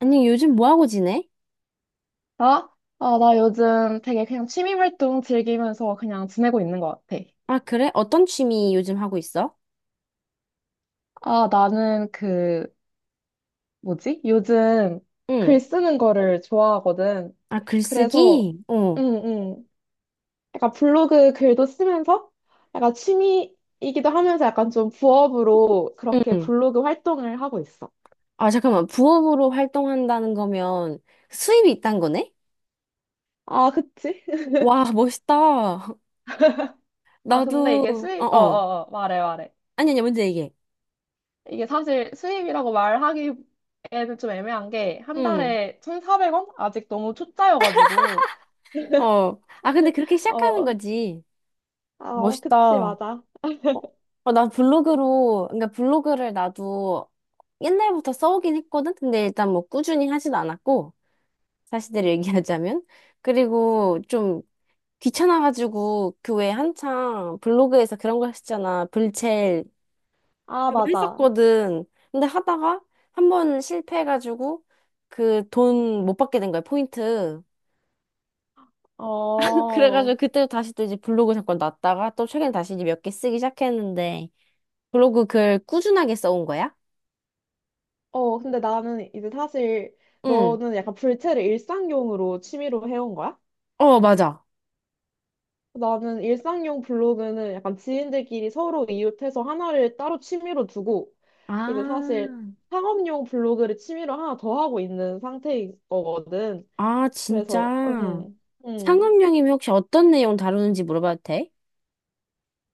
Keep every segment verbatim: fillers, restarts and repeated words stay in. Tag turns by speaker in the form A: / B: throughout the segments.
A: 아니, 요즘 뭐 하고 지내?
B: 아, 아, 나 요즘 되게 그냥 취미 활동 즐기면서 그냥 지내고 있는 것 같아.
A: 아, 그래? 어떤 취미 요즘 하고 있어?
B: 아, 나는 그, 뭐지? 요즘
A: 응.
B: 글 쓰는 거를 좋아하거든.
A: 아,
B: 그래서,
A: 글쓰기? 어.
B: 응, 응. 약간 블로그 글도 쓰면서 약간 취미이기도 하면서 약간 좀 부업으로 그렇게
A: 응.
B: 블로그 활동을 하고 있어.
A: 아, 잠깐만. 부업으로 활동한다는 거면 수입이 있단 거네?
B: 아, 그치?
A: 와, 멋있다.
B: 아, 근데 이게
A: 나도,
B: 수입, 어,
A: 어어.
B: 어, 어, 말해, 말해.
A: 아니, 아니, 먼저 얘기해.
B: 이게 사실 수입이라고 말하기에는 좀 애매한 게 한
A: 응.
B: 달에 천사백 원? 아직 너무 초짜여가지고.
A: 어. 아, 근데 그렇게 시작하는
B: 어,
A: 거지.
B: 아,
A: 멋있다.
B: 그치,
A: 어,
B: 맞아.
A: 어, 나 블로그로, 그러니까 블로그를 나도 옛날부터 써오긴 했거든? 근데 일단 뭐 꾸준히 하진 않았고, 사실대로 얘기하자면. 그리고 좀 귀찮아가지고 교회 한창 블로그에서 그런 거 했잖아. 불첼
B: 아,
A: 그거
B: 맞아.
A: 했었거든. 근데 하다가 한 번 실패해가지고 그 돈 못 받게 된 거야, 포인트.
B: 어,
A: 그래가지고 그때 다시 또 이제 블로그 잠깐 놨다가 또 최근에 다시 이제 몇 개 쓰기 시작했는데 블로그 글 꾸준하게 써온 거야?
B: 어, 근데 나는 이제 사실
A: 응.
B: 너는 약간 불체를 일상용으로 취미로 해온 거야?
A: 어, 맞아.
B: 나는 일상용 블로그는 약간 지인들끼리 서로 이웃해서 하나를 따로 취미로 두고 이제 사실
A: 아,
B: 상업용 블로그를 취미로 하나 더 하고 있는 상태인 거거든.
A: 아, 진짜.
B: 그래서 음, 음.
A: 상업용이면 혹시 어떤 내용 다루는지 물어봐도 돼?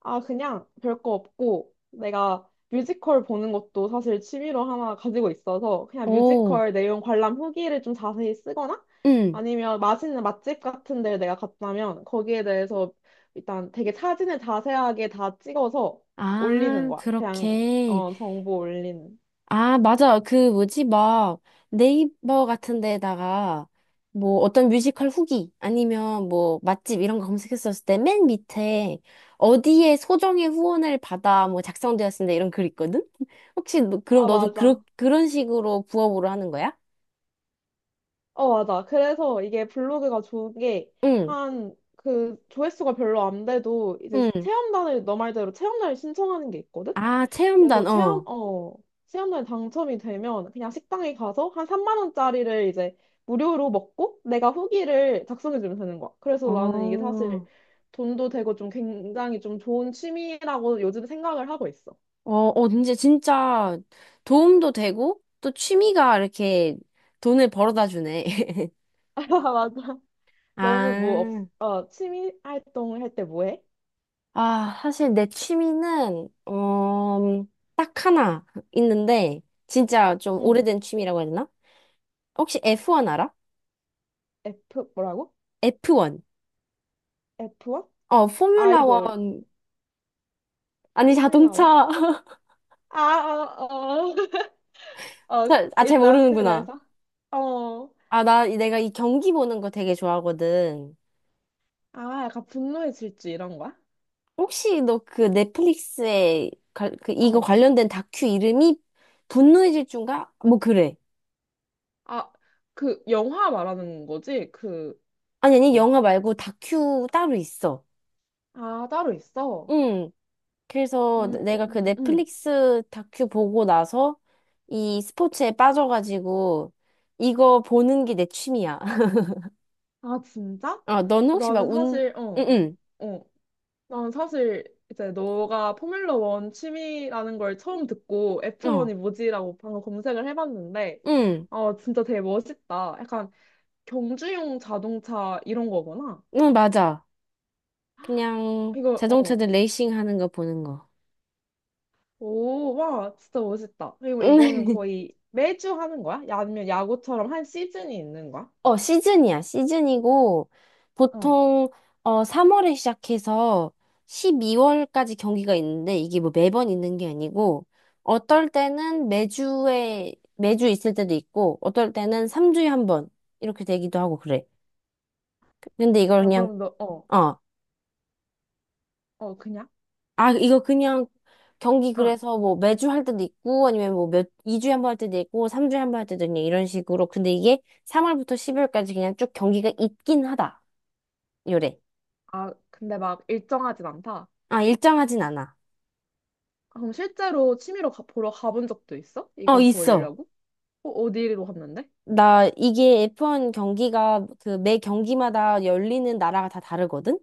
B: 아 그냥 별거 없고 내가 뮤지컬 보는 것도 사실 취미로 하나 가지고 있어서 그냥
A: 오,
B: 뮤지컬 내용 관람 후기를 좀 자세히 쓰거나
A: 응.
B: 아니면 맛있는 맛집 같은 데를 내가 갔다면 거기에 대해서 일단 되게 사진을 자세하게 다 찍어서 올리는
A: 아,
B: 거야. 그냥
A: 그렇게.
B: 어 정보 올리는.
A: 아, 맞아. 그 뭐지? 막 네이버 같은 데다가 뭐 어떤 뮤지컬 후기 아니면 뭐 맛집 이런 거 검색했었을 때 맨 밑에 어디에 소정의 후원을 받아 뭐 작성되었습니다 이런 글 있거든? 혹시 너, 그럼
B: 아,
A: 너도 그러,
B: 맞아.
A: 그런 식으로 부업으로 하는 거야?
B: 어, 맞아. 그래서 이게 블로그가 좋은 게,
A: 응,
B: 한, 그, 조회수가 별로 안 돼도, 이제
A: 응.
B: 체험단을, 너 말대로 체험단을 신청하는 게 있거든?
A: 아, 체험단,
B: 그래서 체험,
A: 어.
B: 어, 체험단에 당첨이 되면, 그냥 식당에 가서 한 삼만 원짜리를 이제 무료로 먹고, 내가 후기를 작성해주면 되는 거야.
A: 어,
B: 그래서 나는 이게 사실
A: 어,
B: 돈도 되고 좀 굉장히 좀 좋은 취미라고 요즘 생각을 하고 있어.
A: 어, 진짜, 진짜 도움도 되고 또 취미가 이렇게 돈을 벌어다 주네.
B: 맞아. 너는 뭐, 없,
A: 아.
B: 어, 취미 활동을 할 때 뭐 해?
A: 아, 사실 내 취미는, 음, 딱 하나 있는데, 진짜 좀
B: 응,
A: 오래된 취미라고 해야 되나? 혹시 에프 원 알아?
B: F, 뭐라고?
A: 에프 원.
B: 에프원?
A: 어, 포뮬라
B: 아이돌,
A: 원. 아니,
B: 포뮬라와?
A: 자동차.
B: 아, 어... 어, 어,
A: 잘, 아, 잘
B: 일단
A: 모르는구나.
B: 그래서, 어,
A: 아, 나, 내가 이 경기 보는 거 되게 좋아하거든.
B: 아, 약간 분노의 질주 이런 거야?
A: 혹시 너 그 넷플릭스에, 가- 그, 이거
B: 어,
A: 관련된 다큐 이름이 분노의 질주인가? 뭐, 그래.
B: 아, 그 영화 말하는 거지? 그거.
A: 아니, 아니, 영화 말고 다큐 따로 있어.
B: 아, 따로 있어.
A: 응. 그래서
B: 음, 어,
A: 내가 그
B: 음, 음.
A: 넷플릭스 다큐 보고 나서 이 스포츠에 빠져가지고 이거 보는 게 내 취미야.
B: 아, 진짜?
A: 어, 너는 혹시 막
B: 나는
A: 운,
B: 사실, 어,
A: 응,
B: 어, 난 사실 이제 너가 포뮬러 원 취미라는 걸 처음 듣고
A: 응,
B: 에프원이
A: 어,
B: 뭐지라고 방금 검색을 해봤는데,
A: 응,
B: 어, 진짜 되게 멋있다. 약간 경주용 자동차 이런 거구나.
A: 응, 맞아. 그냥
B: 이거, 어.
A: 자동차들 레이싱 하는 거 보는 거.
B: 오, 와, 진짜 멋있다. 그리고 이거는 거의 매주 하는 거야? 야, 아니면 야구처럼 한 시즌이 있는 거야?
A: 어, 시즌이야. 시즌이고,
B: 어.
A: 보통, 어, 삼월에 시작해서 십이월까지 경기가 있는데, 이게 뭐 매번 있는 게 아니고, 어떨 때는 매주에, 매주 있을 때도 있고, 어떨 때는 삼 주에 한 번, 이렇게 되기도 하고 그래. 근데 이걸
B: 아,
A: 그냥,
B: 그럼 너, 어,
A: 어,
B: 어, 그냥?
A: 아, 이거 그냥 경기
B: 아,
A: 그래서 뭐 매주 할 때도 있고, 아니면 뭐 몇, 이 주에 한 번 할 때도 있고, 삼 주에 한 번 할 때도 있냐, 이런 식으로. 근데 이게 삼월부터 십이월까지 그냥 쭉 경기가 있긴 하다. 요래.
B: 아, 근데 막 일정하진 않다.
A: 아, 일정하진 않아.
B: 아, 그럼 실제로 취미로 가, 보러 가본 적도 있어?
A: 어,
B: 이거
A: 있어.
B: 보려고? 어, 어디로 갔는데?
A: 나 이게 에프 원 경기가 그 매 경기마다 열리는 나라가 다 다르거든?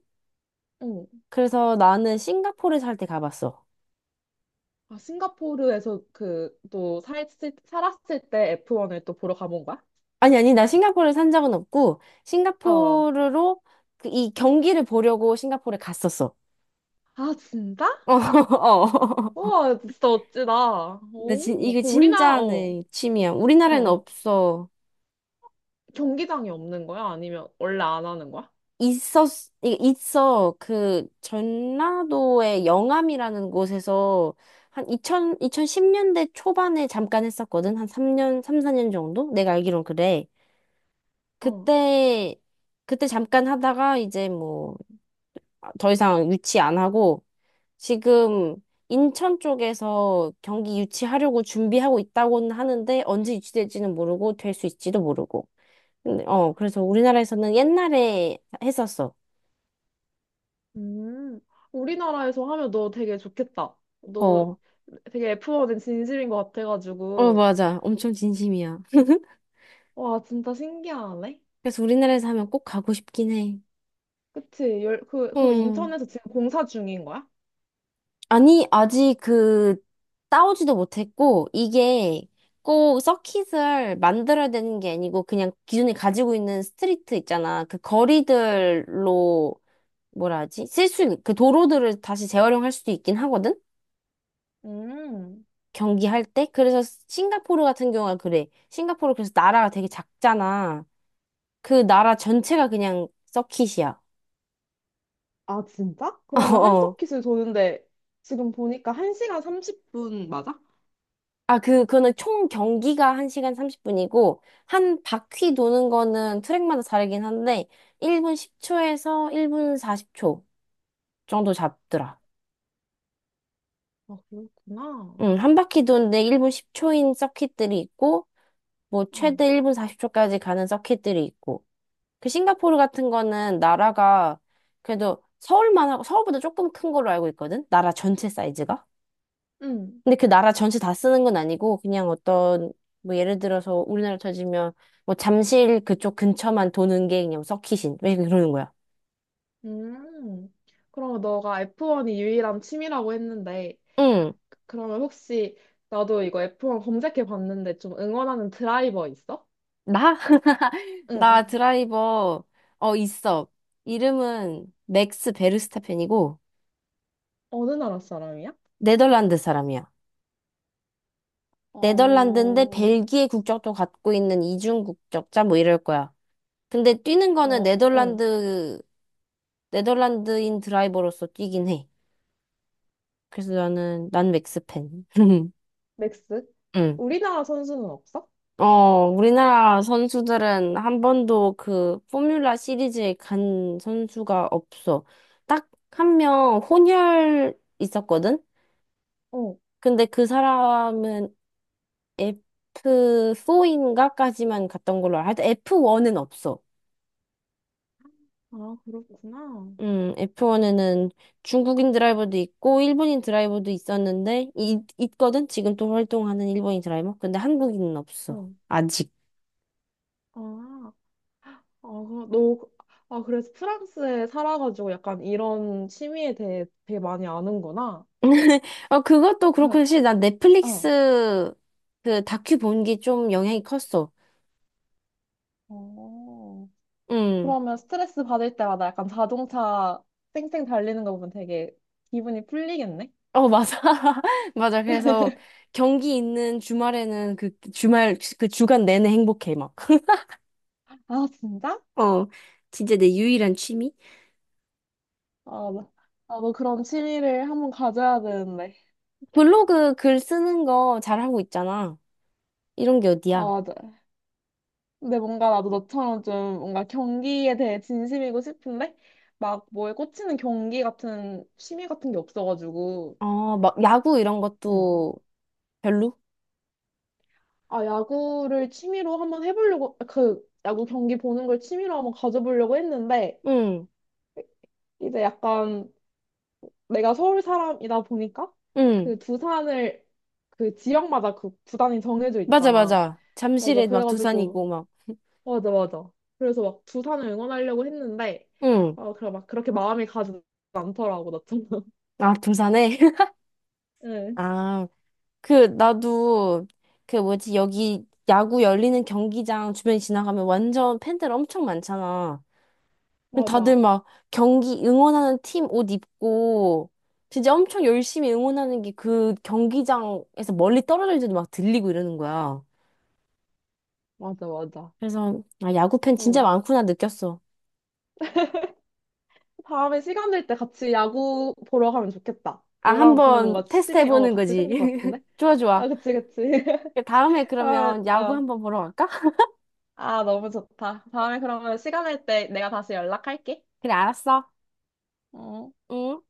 B: 어.
A: 그래서 나는 싱가포르 살 때 가봤어.
B: 아, 싱가포르에서 그, 또, 살, 살았을 때 에프원을 또 보러 가본 거야?
A: 아니, 아니, 나 싱가포르 산 적은 없고,
B: 어.
A: 싱가포르로 그 이 경기를 보려고 싱가포르에 갔었어.
B: 아, 진짜?
A: 어, 어.
B: 우와, 진짜 어찌다.
A: 나 진,
B: 오,
A: 이게
B: 그 우리나라,
A: 진짜
B: 어,
A: 내 취미야.
B: 어,
A: 우리나라에는
B: 어.
A: 없어.
B: 경기장이 없는 거야? 아니면 원래 안 하는 거야?
A: 있었, 이- 있어. 그, 전라도의 영암이라는 곳에서 한이십 영 이천십 년대 초반에 잠깐 했었거든. 한 삼 년, 삼, 사 년 정도? 내가 알기론 그래.
B: 어.
A: 그때, 그때 잠깐 하다가 이제 뭐, 더 이상 유치 안 하고, 지금 인천 쪽에서 경기 유치하려고 준비하고 있다고는 하는데, 언제 유치될지는 모르고, 될 수 있지도 모르고. 근데, 어, 그래서 우리나라에서는 옛날에 했었어.
B: 음, 우리나라에서 하면 너 되게 좋겠다. 너
A: 어,
B: 되게 에프원은 진심인 것
A: 어,
B: 같아가지고.
A: 맞아. 엄청 진심이야.
B: 와, 진짜 신기하네.
A: 그래서 우리나라에서 하면 꼭 가고 싶긴 해.
B: 그치? 열, 그, 그럼
A: 음.
B: 인천에서 지금 공사 중인 거야?
A: 아니, 아직 그, 싸우지도 못했고, 이게 꼭 서킷을 만들어야 되는 게 아니고, 그냥 기존에 가지고 있는 스트리트 있잖아. 그 거리들로, 뭐라 하지? 쓸 수 있는 그 도로들을 다시 재활용할 수도 있긴 하거든?
B: 음.
A: 경기할 때? 그래서 싱가포르 같은 경우가 그래. 싱가포르 그래서 나라가 되게 작잖아. 그 나라 전체가 그냥 서킷이야.
B: 아, 진짜? 그러면 한
A: 어.
B: 서킷을 도는데 지금 보니까 한 시간 삼십 분 맞아?
A: 아, 그, 그거는 총 경기가 한 시간 삼십 분이고, 한 바퀴 도는 거는 트랙마다 다르긴 한데, 일 분 십 초에서 일 분 사십 초 정도 잡더라.
B: 아, 그렇구나.
A: 응, 한 바퀴 도는데 일 분 십 초인 서킷들이 있고, 뭐,
B: 응.
A: 최대 일 분 사십 초까지 가는 서킷들이 있고. 그 싱가포르 같은 거는 나라가 그래도 서울만 하고, 서울보다 조금 큰 걸로 알고 있거든? 나라 전체 사이즈가?
B: 응.
A: 근데 그 나라 전체 다 쓰는 건 아니고 그냥 어떤 뭐 예를 들어서 우리나라 쳐지면 뭐 잠실 그쪽 근처만 도는 게 그냥 서킷인 왜 그러는 거야?
B: 음. 그러면 너가 에프원이 유일한 취미라고 했는데
A: 응.
B: 그러면 혹시 나도 이거 에프원 검색해 봤는데 좀 응원하는 드라이버 있어?
A: 나? 나
B: 응.
A: 드라이버 어 있어. 이름은 맥스 베르스타펜이고
B: 어느 나라 사람이야?
A: 네덜란드 사람이야.
B: 어,
A: 네덜란드인데
B: 어,
A: 벨기에 국적도 갖고 있는 이중 국적자 뭐 이럴 거야. 근데 뛰는 거는
B: 어, 어.
A: 네덜란드 네덜란드인 드라이버로서 뛰긴 해. 그래서 나는 난 맥스팬.
B: 맥스?
A: 응.
B: 우리나라 선수는 없어?
A: 어, 우리나라 선수들은 한 번도 그 포뮬라 시리즈에 간 선수가 없어. 딱 한 명 혼혈 있었거든?
B: 어.
A: 근데 그 사람은 에프 사인가까지만 갔던 걸로 알아. 하여튼 에프 원은 없어.
B: 아, 그렇구나.
A: 음, 에프 원에는 중국인 드라이버도 있고 일본인 드라이버도 있었는데 이, 있거든? 지금 또 활동하는 일본인 드라이버. 근데 한국인은 없어.
B: 어.
A: 아직.
B: 아. 아, 그- 너, 아, 그래서 프랑스에 살아가지고 약간 이런 취미에 대해 되게 많이 아는구나.
A: 어, 그것도
B: 그,
A: 그렇고, 사실 난
B: 어.
A: 넷플릭스 그 다큐 본 게 좀 영향이 컸어.
B: 어.
A: 응.
B: 그러면 스트레스 받을 때마다 약간 자동차 쌩쌩 달리는 거 보면 되게 기분이 풀리겠네?
A: 어, 맞아. 맞아. 그래서 경기 있는 주말에는 그 주말, 그 주간 내내 행복해, 막.
B: 아, 진짜?
A: 어, 진짜 내 유일한 취미?
B: 아, 나- 아, 너 그런 취미를 한번 가져야 되는데.
A: 블로그 글 쓰는 거 잘하고 있잖아. 이런 게 어디야?
B: 아, 맞아. 근데 뭔가 나도 너처럼 좀 뭔가 경기에 대해 진심이고 싶은데 막 뭐에 꽂히는 경기 같은 취미 같은 게 없어가지고.
A: 어, 막 야구 이런
B: 응.
A: 것도 별로?
B: 아, 야구를 취미로 한번 해보려고, 그, 야구 경기 보는 걸 취미로 한번 가져보려고 했는데,
A: 응,
B: 이제 약간 내가 서울 사람이다 보니까,
A: 응.
B: 그 두산을, 그 지역마다 그 구단이 정해져
A: 맞아,
B: 있잖아.
A: 맞아.
B: 맞아.
A: 잠실에 막
B: 그래가지고,
A: 두산이고 막.
B: 맞아, 맞아. 그래서 막 두산을 응원하려고 했는데,
A: 응.
B: 어, 그래, 막 그렇게 마음이 가지 않더라고, 나처럼.
A: 아, 두산에?
B: 응,
A: 아. 그, 나도, 그 뭐지, 여기 야구 열리는 경기장 주변 지나가면 완전 팬들 엄청 많잖아. 다들
B: 맞아.
A: 막 경기 응원하는 팀 옷 입고, 진짜 엄청 열심히 응원하는 게 그 경기장에서 멀리 떨어질지도 막 들리고 이러는 거야.
B: 맞아, 맞아.
A: 그래서, 아, 야구 팬 진짜
B: 응.
A: 많구나 느꼈어.
B: 다음에 시간 될 때 같이 야구 보러 가면 좋겠다.
A: 아,
B: 너랑 보면
A: 한번
B: 뭔가
A: 테스트
B: 취미, 어,
A: 해보는
B: 같이
A: 거지.
B: 생길 것 같은데?
A: 좋아,
B: 아,
A: 좋아.
B: 그치, 그치.
A: 다음에 그러면
B: 그러면,
A: 야구
B: 어.
A: 한번 보러 갈까?
B: 아, 너무 좋다. 다음에 그러면 시간 날 때 내가 다시 연락할게.
A: 그래, 알았어.
B: 어.
A: 응.